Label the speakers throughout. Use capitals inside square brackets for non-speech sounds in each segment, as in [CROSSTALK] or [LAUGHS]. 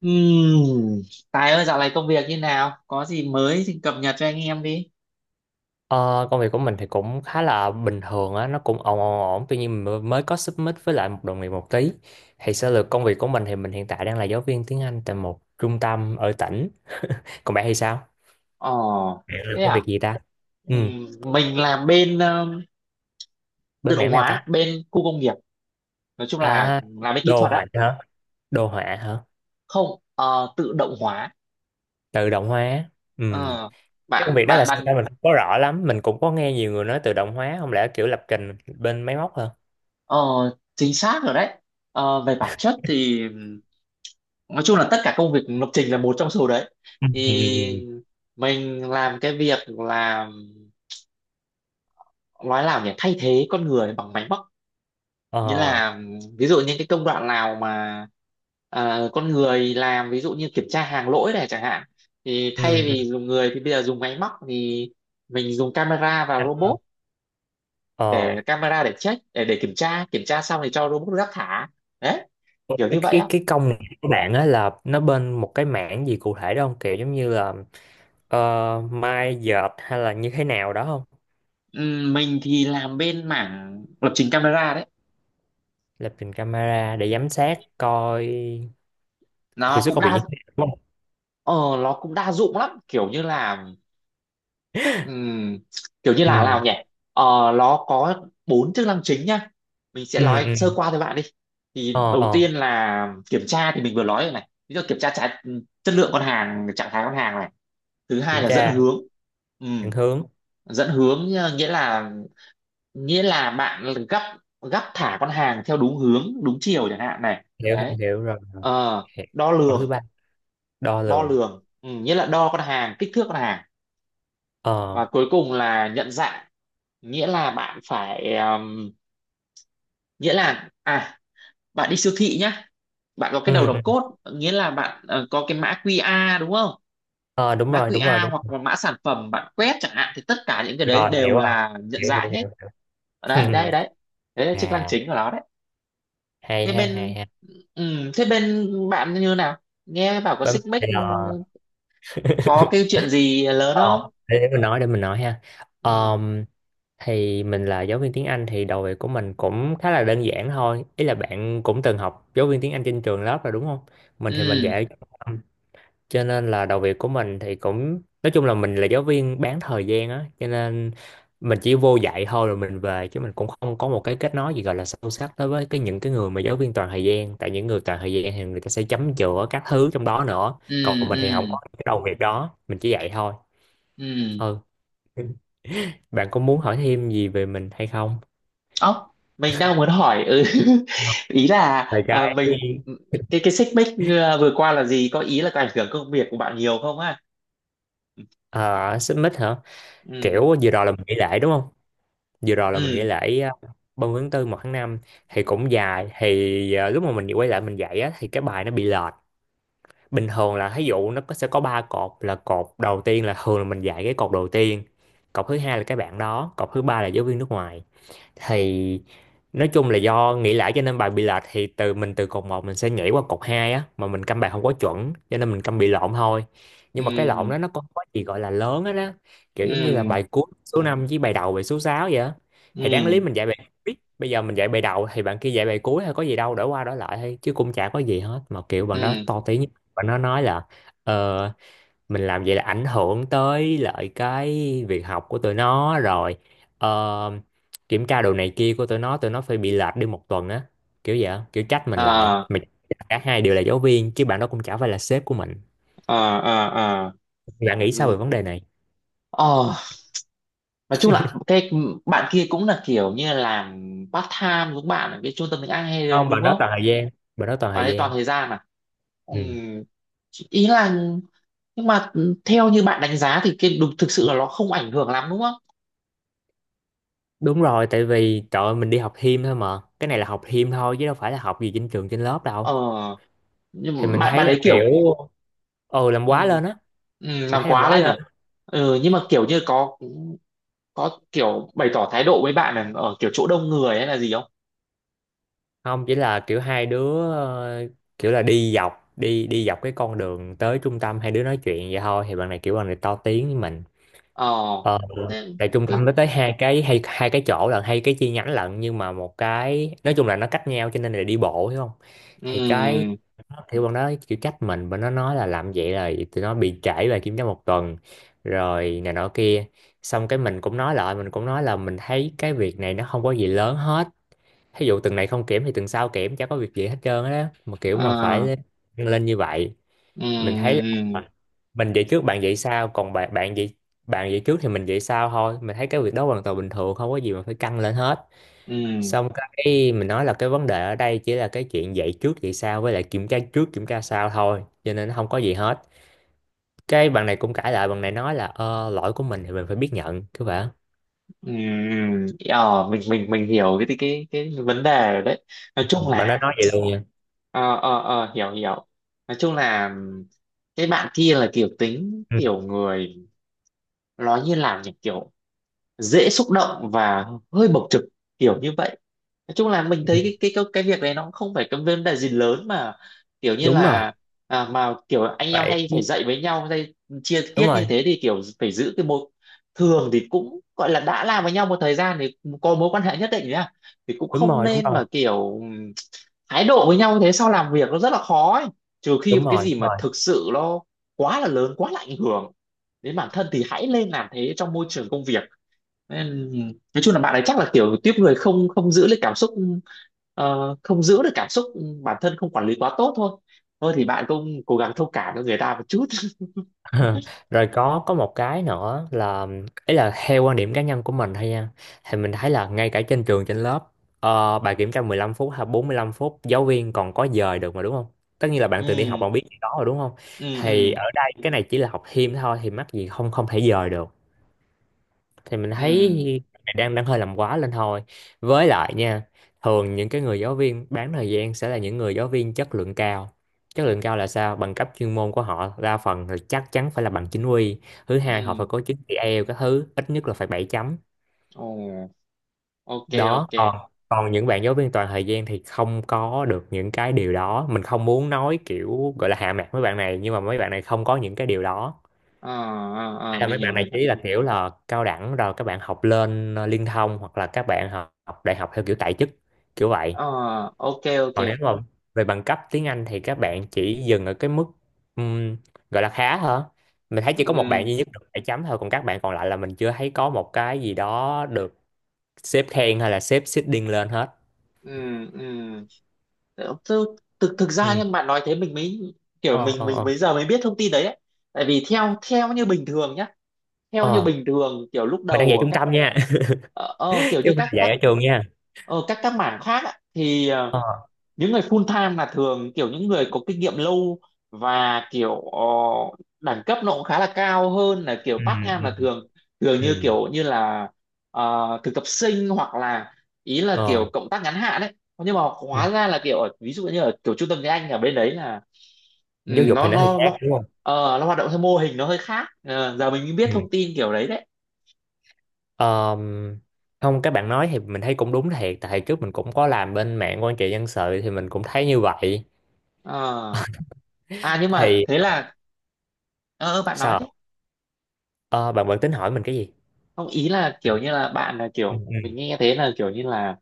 Speaker 1: Ừm, Tài ơi, dạo này công việc như nào? Có gì mới thì cập nhật cho anh em đi.
Speaker 2: Ờ, công việc của mình thì cũng khá là bình thường á, nó cũng ổn ổn ổn, tuy nhiên mình mới có submit với lại một đồng nghiệp một tí. Thì sơ lược công việc của mình thì mình hiện tại đang là giáo viên tiếng Anh tại một trung tâm ở tỉnh. Còn bạn thì sao?
Speaker 1: Ồ,
Speaker 2: Bạn
Speaker 1: thế
Speaker 2: làm công
Speaker 1: à?
Speaker 2: việc gì ta? Ừ,
Speaker 1: Ừm, mình làm bên tự
Speaker 2: bên
Speaker 1: động
Speaker 2: mảng nào ta?
Speaker 1: hóa, bên khu công nghiệp. Nói chung là
Speaker 2: À,
Speaker 1: làm bên kỹ
Speaker 2: đồ
Speaker 1: thuật á.
Speaker 2: họa hả? Đồ họa hả?
Speaker 1: Không, tự động hóa.
Speaker 2: Tự động hóa. Ừ.
Speaker 1: Ờ,
Speaker 2: Cái công việc
Speaker 1: bạn
Speaker 2: đó là
Speaker 1: bạn
Speaker 2: sao
Speaker 1: bạn
Speaker 2: ta? Mình không có rõ lắm, mình cũng có nghe nhiều người nói tự động hóa, không lẽ kiểu lập trình bên máy móc hả?
Speaker 1: ờ, chính xác rồi đấy. Ờ, về bản chất thì nói chung là tất cả công việc lập trình là một trong số đấy.
Speaker 2: Ừ. ừ, ừ, ừ.
Speaker 1: Thì mình làm cái việc là nói nào nhỉ, thay thế con người bằng máy móc,
Speaker 2: Ờ.
Speaker 1: nghĩa là ví dụ những cái công đoạn nào mà à, con người làm ví dụ như kiểm tra hàng lỗi này chẳng hạn, thì thay
Speaker 2: Ừ. ừ.
Speaker 1: vì dùng người thì bây giờ dùng máy móc thì mình dùng camera và robot, để
Speaker 2: Ờ.
Speaker 1: camera để check để kiểm tra, kiểm tra xong thì cho robot rác thả đấy, kiểu như vậy á.
Speaker 2: Cái công này của bạn á là nó bên một cái mảng gì cụ thể đó không, kiểu giống như là mai dợt hay là như thế nào đó không?
Speaker 1: Mình thì làm bên mảng lập trình camera đấy,
Speaker 2: Lập trình camera để giám sát coi hiệu
Speaker 1: nó
Speaker 2: suất
Speaker 1: cũng
Speaker 2: công việc như
Speaker 1: đa
Speaker 2: thế nào đúng không?
Speaker 1: ờ, nó cũng đa dụng lắm, Ừm, kiểu như là
Speaker 2: Ừ,
Speaker 1: nào nhỉ, ờ, nó có bốn chức năng chính nhá, mình sẽ
Speaker 2: ừ,
Speaker 1: nói
Speaker 2: ừ.
Speaker 1: sơ qua với bạn đi.
Speaker 2: Ờ,
Speaker 1: Thì đầu
Speaker 2: ờ.
Speaker 1: tiên là kiểm tra thì mình vừa nói rồi này, ví dụ kiểm tra trái, chất lượng con hàng, trạng thái con hàng này. Thứ hai
Speaker 2: Kiểm
Speaker 1: là dẫn
Speaker 2: tra,
Speaker 1: hướng.
Speaker 2: định
Speaker 1: Ừm,
Speaker 2: hướng.
Speaker 1: Dẫn hướng, nghĩa là bạn gấp, gấp thả con hàng theo đúng hướng đúng chiều chẳng hạn này,
Speaker 2: hiểu hiểu
Speaker 1: đấy.
Speaker 2: hiểu rồi rồi,
Speaker 1: Ờ,
Speaker 2: hiểu.
Speaker 1: đo
Speaker 2: Còn thứ
Speaker 1: lường,
Speaker 2: ba, đo
Speaker 1: đo
Speaker 2: lường.
Speaker 1: lường. Nghĩa là đo con hàng, kích thước con hàng.
Speaker 2: Ờ.
Speaker 1: Và cuối cùng là nhận dạng, nghĩa là bạn phải nghĩa là à bạn đi siêu thị nhá, bạn có cái đầu
Speaker 2: Ừ,
Speaker 1: đọc
Speaker 2: ừ.
Speaker 1: code, nghĩa là bạn có cái mã QR đúng không,
Speaker 2: Ờ, đúng
Speaker 1: mã
Speaker 2: rồi, đúng rồi,
Speaker 1: QR
Speaker 2: đúng
Speaker 1: hoặc
Speaker 2: rồi.
Speaker 1: là mã sản phẩm bạn quét chẳng hạn, thì tất cả những cái đấy
Speaker 2: Rồi, hiểu
Speaker 1: đều
Speaker 2: rồi.
Speaker 1: là nhận
Speaker 2: hiểu
Speaker 1: dạng
Speaker 2: hiểu
Speaker 1: hết.
Speaker 2: hiểu, hiểu.
Speaker 1: Đấy
Speaker 2: [LAUGHS]
Speaker 1: đấy đấy, đấy là chức năng
Speaker 2: À,
Speaker 1: chính của nó đấy.
Speaker 2: hay
Speaker 1: Thế
Speaker 2: ha,
Speaker 1: bên
Speaker 2: hay ha.
Speaker 1: ừ, thế bên bạn như nào, nghe bảo có
Speaker 2: Bấm.
Speaker 1: xích mích,
Speaker 2: Ờ.
Speaker 1: có
Speaker 2: [LAUGHS]
Speaker 1: cái chuyện gì lớn
Speaker 2: Ờ,
Speaker 1: không?
Speaker 2: để mình nói, để mình nói. Ha.
Speaker 1: Ừ,
Speaker 2: Ờm, thì mình là giáo viên tiếng Anh, thì đầu việc của mình cũng khá là đơn giản thôi. Ý là bạn cũng từng học giáo viên tiếng Anh trên trường lớp rồi đúng không? Mình thì mình
Speaker 1: ừ,
Speaker 2: dạy trung tâm. Cho nên là đầu việc của mình thì cũng nói chung là mình là giáo viên bán thời gian á, cho nên mình chỉ vô dạy thôi rồi mình về, chứ mình cũng không có một cái kết nối gì gọi là sâu sắc đối với cái những cái người mà giáo viên toàn thời gian, tại những người toàn thời gian thì người ta sẽ chấm chữa các thứ trong đó nữa.
Speaker 1: ừ,
Speaker 2: Còn mình
Speaker 1: ừ,
Speaker 2: thì không có cái đầu việc đó, mình chỉ dạy thôi.
Speaker 1: ừ.
Speaker 2: Ừ, bạn có muốn hỏi thêm gì về mình hay không?
Speaker 1: Ốc, mình đang muốn hỏi ừ. [LAUGHS] Ý là
Speaker 2: Về cái
Speaker 1: mình cái xích mích vừa qua là gì, có ý là có ảnh hưởng công việc của bạn nhiều không á?
Speaker 2: ờ, xích mích hả?
Speaker 1: Ừ,
Speaker 2: Kiểu vừa rồi là mình nghỉ lễ đúng không? Vừa rồi là mình nghỉ
Speaker 1: ừ,
Speaker 2: lễ 30 tháng tư một tháng năm, thì cũng dài. Thì lúc mà mình quay lại mình dạy á, thì cái bài nó bị lệch. Bình thường là thí dụ nó có, sẽ có ba cột, là cột đầu tiên là thường là mình dạy cái cột đầu tiên. Cột thứ hai là cái bạn đó, cột thứ ba là giáo viên nước ngoài. Thì nói chung là do nghĩ lại cho nên bài bị lệch, thì từ mình từ cột một mình sẽ nhảy qua cột 2 á, mà mình câm bài không có chuẩn cho nên mình câm bị lộn thôi. Nhưng mà cái lộn
Speaker 1: ừ,
Speaker 2: đó nó có gì gọi là lớn á đó, kiểu giống như là
Speaker 1: ừ,
Speaker 2: bài cuối số 5 với bài đầu bài số 6 vậy á. Thì đáng lý
Speaker 1: ừ,
Speaker 2: mình dạy bài cuối, bây giờ mình dạy bài đầu thì bạn kia dạy bài cuối, hay có gì đâu, đổi qua đổi lại thôi chứ cũng chả có gì hết, mà kiểu bạn đó
Speaker 1: ừ,
Speaker 2: to tiếng. Bạn nó nói là ờ, mình làm vậy là ảnh hưởng tới lại cái việc học của tụi nó rồi, ờ, kiểm tra đồ này kia của tụi nó, tụi nó phải bị lệch đi một tuần á, kiểu vậy á, kiểu trách mình. lại
Speaker 1: à,
Speaker 2: mình cả hai đều là giáo viên chứ bạn đó cũng chả phải là sếp của mình.
Speaker 1: à, à, à,
Speaker 2: Bạn nghĩ sao về
Speaker 1: ừ.
Speaker 2: vấn đề này?
Speaker 1: Ờ, nói chung là cái bạn kia cũng là kiểu như làm part time giống bạn ở cái trung tâm tiếng Anh hay
Speaker 2: Không,
Speaker 1: đúng
Speaker 2: bạn đó
Speaker 1: không?
Speaker 2: toàn thời gian. bạn đó toàn
Speaker 1: Bạn
Speaker 2: thời
Speaker 1: ấy toàn
Speaker 2: gian
Speaker 1: thời gian à?
Speaker 2: Ừ.
Speaker 1: Ừm, Ý là nhưng mà theo như bạn đánh giá thì cái đúng thực sự là nó không ảnh hưởng lắm đúng không?
Speaker 2: Đúng rồi, tại vì trời ơi, mình đi học thêm thôi, mà cái này là học thêm thôi chứ đâu phải là học gì trên trường trên lớp
Speaker 1: Ờ,
Speaker 2: đâu. Thì
Speaker 1: nhưng mà
Speaker 2: mình
Speaker 1: bạn
Speaker 2: thấy
Speaker 1: bạn
Speaker 2: là
Speaker 1: đấy
Speaker 2: kiểu,
Speaker 1: kiểu
Speaker 2: ừ, làm quá
Speaker 1: ừm,
Speaker 2: lên á. Mình
Speaker 1: làm
Speaker 2: thấy làm
Speaker 1: quá
Speaker 2: quá
Speaker 1: lên
Speaker 2: lên.
Speaker 1: à? Ừ, nhưng mà kiểu như có kiểu bày tỏ thái độ với bạn là ở kiểu chỗ đông người hay là gì không?
Speaker 2: Không, chỉ là kiểu hai đứa kiểu là đi dọc cái con đường tới trung tâm, hai đứa nói chuyện vậy thôi, thì bạn này kiểu bạn này to tiếng với mình.
Speaker 1: Ờ,
Speaker 2: Ờ,
Speaker 1: thế
Speaker 2: tại trung tâm
Speaker 1: cứ
Speaker 2: nó tới hai cái, hay hai cái chỗ lận, hay cái chi nhánh lận, nhưng mà một cái nói chung là nó cách nhau cho nên là đi bộ, hiểu không? Thì,
Speaker 1: ừm,
Speaker 2: thì bọn nó kiểu trách mình, bọn nó nói là làm vậy là tụi nó bị trễ về kiểm tra một tuần rồi này nọ kia. Xong cái mình cũng nói lại, mình cũng nói là mình thấy cái việc này nó không có gì lớn hết. Thí dụ tuần này không kiểm thì tuần sau kiểm, chả có việc gì hết trơn á, mà kiểu mà phải
Speaker 1: ờ,
Speaker 2: lên lên như vậy. Mình thấy
Speaker 1: ừm,
Speaker 2: là mình dậy trước bạn dậy sau, còn bạn bạn dậy, bạn dậy trước thì mình dậy sau thôi, mình thấy cái việc đó hoàn toàn bình thường, không có gì mà phải căng lên hết.
Speaker 1: ừm,
Speaker 2: Xong cái mình nói là cái vấn đề ở đây chỉ là cái chuyện dậy trước dậy sau với lại kiểm tra trước kiểm tra sau thôi, cho nên nó không có gì hết. Cái bạn này cũng cãi lại, bạn này nói là lỗi của mình thì mình phải biết nhận cứ vậy.
Speaker 1: ừm, mình hiểu cái cái vấn đề rồi đấy. Nói chung
Speaker 2: Bạn đó
Speaker 1: là,
Speaker 2: nói vậy luôn nha.
Speaker 1: ờ ờ ờ, hiểu hiểu. Nói chung là cái bạn kia là kiểu tính
Speaker 2: Ừ.
Speaker 1: kiểu người, nói như làm nhỉ, kiểu dễ xúc động và hơi bộc trực, kiểu như vậy. Nói chung là mình
Speaker 2: Ừ,
Speaker 1: thấy cái việc này nó cũng không phải cái vấn đề gì lớn mà, kiểu như
Speaker 2: đúng rồi
Speaker 1: là à, mà kiểu anh em
Speaker 2: vậy,
Speaker 1: hay phải dạy với nhau hay chia
Speaker 2: đúng
Speaker 1: tiết như
Speaker 2: rồi
Speaker 1: thế thì kiểu phải giữ cái mối. Thường thì cũng gọi là đã làm với nhau một thời gian thì có mối quan hệ nhất định nhá, thì cũng
Speaker 2: đúng
Speaker 1: không
Speaker 2: rồi đúng
Speaker 1: nên
Speaker 2: rồi
Speaker 1: mà kiểu thái độ với nhau như thế, sau làm việc nó rất là khó ấy. Trừ khi
Speaker 2: đúng
Speaker 1: mà cái
Speaker 2: rồi đúng
Speaker 1: gì mà
Speaker 2: rồi.
Speaker 1: thực sự nó quá là lớn, quá là ảnh hưởng đến bản thân thì hãy lên làm thế trong môi trường công việc nên, nói chung là bạn ấy chắc là kiểu tiếp người không không giữ được cảm xúc, ờ, không giữ được cảm xúc bản thân, không quản lý quá tốt thôi. Thôi thì bạn cũng cố gắng thông cảm cho người ta một chút. [LAUGHS]
Speaker 2: [LAUGHS] Rồi có một cái nữa là, ấy là theo quan điểm cá nhân của mình thôi nha, thì mình thấy là ngay cả trên trường trên lớp, bài kiểm tra 15 phút hay 45 phút giáo viên còn có dời được mà đúng không? Tất nhiên là bạn từng đi học,
Speaker 1: Ừ,
Speaker 2: bạn biết cái đó rồi đúng không?
Speaker 1: ừ,
Speaker 2: Thì
Speaker 1: ừ,
Speaker 2: ở đây cái này chỉ là học thêm thôi, thì mắc gì không không thể dời được. Thì mình thấy
Speaker 1: ừ,
Speaker 2: đang đang hơi làm quá lên thôi. Với lại nha, thường những cái người giáo viên bán thời gian sẽ là những người giáo viên chất lượng cao. Chất lượng cao là sao? Bằng cấp chuyên môn của họ đa phần là chắc chắn phải là bằng chính quy. Thứ hai, họ
Speaker 1: ừ,
Speaker 2: phải có chứng chỉ IELTS các thứ, ít nhất là phải 7 chấm.
Speaker 1: ồ, ok,
Speaker 2: Đó,
Speaker 1: ok.
Speaker 2: còn còn những bạn giáo viên toàn thời gian thì không có được những cái điều đó. Mình không muốn nói kiểu gọi là hạ mặt mấy bạn này, nhưng mà mấy bạn này không có những cái điều đó.
Speaker 1: Ờ ờ, ờ,
Speaker 2: Là
Speaker 1: mình
Speaker 2: mấy
Speaker 1: hiểu
Speaker 2: bạn này
Speaker 1: mình hiểu.
Speaker 2: chỉ là kiểu là cao đẳng rồi các bạn học lên liên thông, hoặc là các bạn học đại học theo kiểu tại chức, kiểu vậy.
Speaker 1: Ờ, ok, ok.
Speaker 2: Còn nếu mà về bằng cấp tiếng Anh thì các bạn chỉ dừng ở cái mức, ừm, gọi là khá hả? Mình thấy chỉ có một bạn
Speaker 1: Ừ,
Speaker 2: duy nhất được 7 chấm thôi, còn các bạn còn lại là mình chưa thấy có một cái gì đó được sếp khen hay là sếp seeding lên hết.
Speaker 1: ừ, ừ, thực thực thực ra
Speaker 2: Ừ.
Speaker 1: nhưng bạn nói thế mình mới kiểu,
Speaker 2: Ờ,
Speaker 1: mình
Speaker 2: ờ,
Speaker 1: mình
Speaker 2: ờ.
Speaker 1: bây giờ mới biết thông tin đấy, ấy. Tại vì theo theo như bình thường nhá, theo như
Speaker 2: Ờ,
Speaker 1: bình thường kiểu lúc
Speaker 2: mình đang
Speaker 1: đầu
Speaker 2: dạy
Speaker 1: ở
Speaker 2: trung
Speaker 1: các
Speaker 2: tâm nha,
Speaker 1: kiểu
Speaker 2: [LAUGHS] chứ
Speaker 1: như
Speaker 2: không phải
Speaker 1: các
Speaker 2: là dạy
Speaker 1: các
Speaker 2: ở trường nha.
Speaker 1: các mảng khác ạ, thì
Speaker 2: Ờ.
Speaker 1: những người full time là thường kiểu những người có kinh nghiệm lâu, và kiểu đẳng cấp nó cũng khá là cao hơn là kiểu
Speaker 2: Ừ,
Speaker 1: part time
Speaker 2: ừ,
Speaker 1: là thường, thường như
Speaker 2: ừ.
Speaker 1: kiểu như là ờ, thực tập sinh hoặc là ý là
Speaker 2: Ờ.
Speaker 1: kiểu cộng tác ngắn hạn ấy. Nhưng mà
Speaker 2: Ừ.
Speaker 1: hóa ra là kiểu ở ví dụ như ở kiểu trung tâm tiếng Anh ở bên đấy là ừ,
Speaker 2: Giáo dục
Speaker 1: nó
Speaker 2: thì nó hơi
Speaker 1: nó
Speaker 2: khác
Speaker 1: nó
Speaker 2: đúng không?
Speaker 1: nó hoạt động theo mô hình nó hơi khác. Ờ, giờ mình mới biết
Speaker 2: Ừ.
Speaker 1: thông tin kiểu đấy đấy.
Speaker 2: Ờm, Không, các bạn nói thì mình thấy cũng đúng thiệt, tại trước mình cũng có làm bên mạng quan trị dân sự thì mình cũng thấy như vậy.
Speaker 1: Ờ. À nhưng mà
Speaker 2: Thì
Speaker 1: thế là, ờ ờ, bạn nói đấy,
Speaker 2: sao? Ờ, bạn bạn tính hỏi mình cái gì?
Speaker 1: không ý là kiểu như là bạn là
Speaker 2: Ừ,
Speaker 1: kiểu
Speaker 2: ừ.
Speaker 1: mình nghe thế là kiểu như là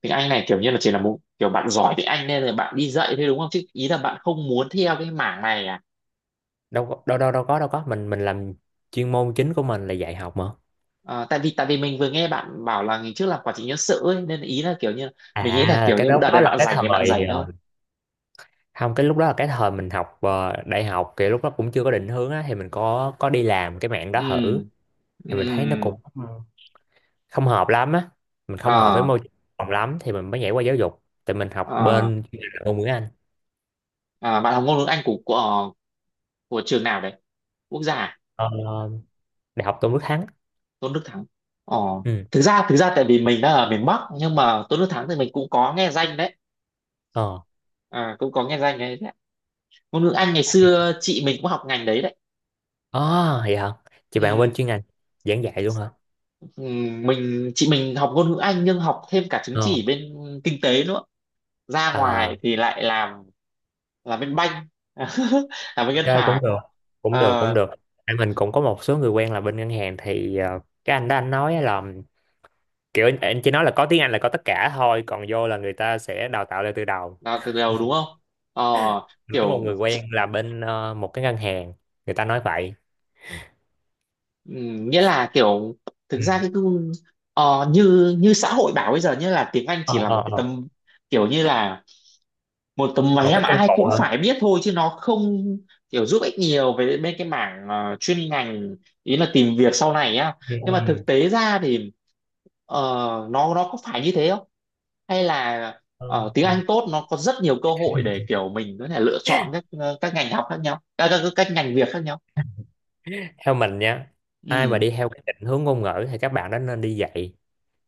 Speaker 1: tiếng Anh này kiểu như là chỉ là một kiểu bạn giỏi tiếng Anh nên là bạn đi dạy thôi đúng không, chứ ý là bạn không muốn theo cái mảng này à?
Speaker 2: đâu có- đâu đâu đâu có mình làm, chuyên môn chính của mình là dạy học mà.
Speaker 1: Ờ, tại vì mình vừa nghe bạn bảo là ngày trước làm quản trị nhân sự ấy, nên ý là kiểu như mình nghĩ là
Speaker 2: À,
Speaker 1: kiểu
Speaker 2: cái
Speaker 1: như
Speaker 2: đó
Speaker 1: đợt
Speaker 2: đó
Speaker 1: này
Speaker 2: là
Speaker 1: bạn
Speaker 2: cái
Speaker 1: rảnh thì bạn
Speaker 2: thời
Speaker 1: rảnh thôi.
Speaker 2: không, cái lúc đó là cái thời mình học đại học, thì lúc đó cũng chưa có định hướng á, thì mình có đi làm cái mạng đó thử.
Speaker 1: Ừ, ừ,
Speaker 2: Thì
Speaker 1: ừ,
Speaker 2: mình thấy nó
Speaker 1: ừ.
Speaker 2: cũng không hợp lắm á, mình không hợp với
Speaker 1: Ờ,
Speaker 2: môi trường phòng lắm, thì mình mới nhảy qua giáo dục tại mình học
Speaker 1: ờ,
Speaker 2: bên chuyên ngành ngôn ngữ Anh.
Speaker 1: à, bạn học ngôn ngữ Anh của, của trường nào đấy, quốc gia à?
Speaker 2: ờ, Đại học Tôn Đức Thắng.
Speaker 1: Tôn Đức Thắng. Ờ,
Speaker 2: Ừ.
Speaker 1: thực ra tại vì mình đang ở miền Bắc nhưng mà Tôn Đức Thắng thì mình cũng có nghe danh đấy,
Speaker 2: Ờ.
Speaker 1: à, cũng có nghe danh đấy, đấy. Ngôn ngữ Anh ngày xưa chị mình cũng học ngành đấy đấy.
Speaker 2: À, vậy hả? Chị bạn bên
Speaker 1: Ừ,
Speaker 2: chuyên ngành giảng dạy luôn hả?
Speaker 1: ừ, mình chị mình học ngôn ngữ Anh nhưng học thêm cả chứng
Speaker 2: Ờ.
Speaker 1: chỉ bên kinh tế nữa, ra
Speaker 2: À,
Speaker 1: ngoài thì lại làm bên banh [LAUGHS] làm bên ngân
Speaker 2: ok cũng
Speaker 1: hàng.
Speaker 2: được, cũng được cũng
Speaker 1: Ờ,
Speaker 2: được Tại mình cũng có một số người quen là bên ngân hàng, thì cái anh đó anh nói á là kiểu anh, chỉ nói là có tiếng Anh là có tất cả thôi, còn vô là người ta sẽ đào tạo lại từ đầu.
Speaker 1: là từ đầu đúng không? Ờ,
Speaker 2: Mình có một
Speaker 1: kiểu
Speaker 2: người quen là bên một cái ngân hàng, người ta nói vậy.
Speaker 1: Ừ, nghĩa là kiểu thực
Speaker 2: Ừ.
Speaker 1: ra cái cung- như như xã hội bảo bây giờ nghĩa là tiếng Anh
Speaker 2: Ờ,
Speaker 1: chỉ là
Speaker 2: ờ,
Speaker 1: một cái
Speaker 2: ờ.
Speaker 1: tấm, kiểu như là một tấm
Speaker 2: Một
Speaker 1: vé
Speaker 2: cái
Speaker 1: mà
Speaker 2: công
Speaker 1: ai
Speaker 2: cụ
Speaker 1: cũng
Speaker 2: hả?
Speaker 1: phải biết thôi chứ nó không kiểu giúp ích nhiều về bên cái mảng chuyên ngành, ý là tìm việc sau này á.
Speaker 2: Ừ.
Speaker 1: Nhưng mà
Speaker 2: Ừ.
Speaker 1: thực tế ra thì ờ, nó có phải như thế không hay là
Speaker 2: Ờ,
Speaker 1: tiếng
Speaker 2: ừ.
Speaker 1: Anh tốt nó có rất nhiều cơ hội để kiểu mình có thể lựa chọn các các ngành học khác nhau, à, các ngành việc khác nhau.
Speaker 2: Theo mình nha, ai mà
Speaker 1: Ừ,
Speaker 2: đi theo cái định hướng ngôn ngữ thì các bạn đó nên đi dạy,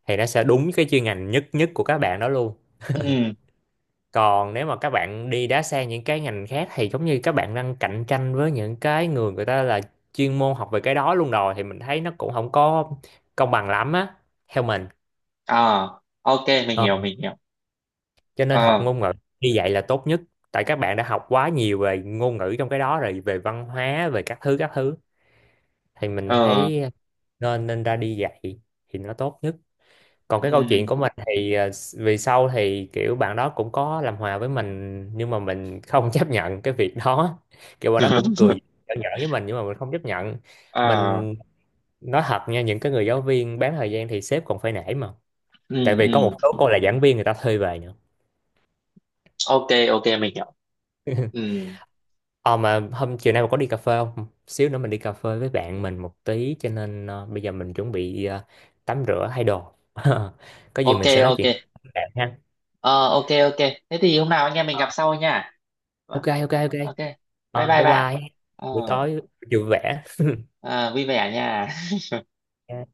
Speaker 2: thì nó sẽ đúng cái chuyên ngành nhất nhất của các bạn đó luôn.
Speaker 1: ừ,
Speaker 2: Còn nếu mà các bạn đi đá sang những cái ngành khác thì giống như các bạn đang cạnh tranh với những cái người, người ta là chuyên môn học về cái đó luôn rồi, thì mình thấy nó cũng không có công bằng lắm á, theo mình.
Speaker 1: ờ, ok mình
Speaker 2: Ờ.
Speaker 1: hiểu mình hiểu.
Speaker 2: Cho nên học
Speaker 1: Ờ,
Speaker 2: ngôn ngữ đi dạy là tốt nhất, tại các bạn đã học quá nhiều về ngôn ngữ trong cái đó rồi, về văn hóa về các thứ các thứ, thì mình
Speaker 1: ờ,
Speaker 2: thấy nên, nên ra đi dạy thì nó tốt nhất. Còn cái câu chuyện
Speaker 1: ừm,
Speaker 2: của mình thì vì sau thì kiểu bạn đó cũng có làm hòa với mình, nhưng mà mình không [LAUGHS] chấp nhận cái việc đó, kiểu bạn đó cũng
Speaker 1: [LAUGHS]
Speaker 2: cười nhỏ nhỏ với mình nhưng mà mình không chấp nhận.
Speaker 1: ờ,
Speaker 2: Mình nói thật nha, những cái người giáo viên bán thời gian thì sếp còn phải nể mà, tại
Speaker 1: ừm,
Speaker 2: vì có một
Speaker 1: ừm,
Speaker 2: số cô là giảng viên người ta thuê về nữa.
Speaker 1: ok ok mình hiểu. Ừm,
Speaker 2: Ờ, mà hôm chiều nay mà có đi cà phê không? Xíu nữa mình đi cà phê với bạn mình một tí, cho nên bây giờ mình chuẩn bị tắm rửa thay đồ. [LAUGHS] Có gì
Speaker 1: ok
Speaker 2: mình sẽ nói
Speaker 1: ok,
Speaker 2: chuyện với bạn ha.
Speaker 1: ờ, ok ok, thế thì hôm nào anh em mình gặp sau nha. Vâng,
Speaker 2: Ok, ok, ok.
Speaker 1: ok, bye
Speaker 2: Ờ,
Speaker 1: bye
Speaker 2: bye
Speaker 1: bạn.
Speaker 2: bye.
Speaker 1: Ờ
Speaker 2: Buổi tối vui vẻ.
Speaker 1: ờ, vui vẻ nha.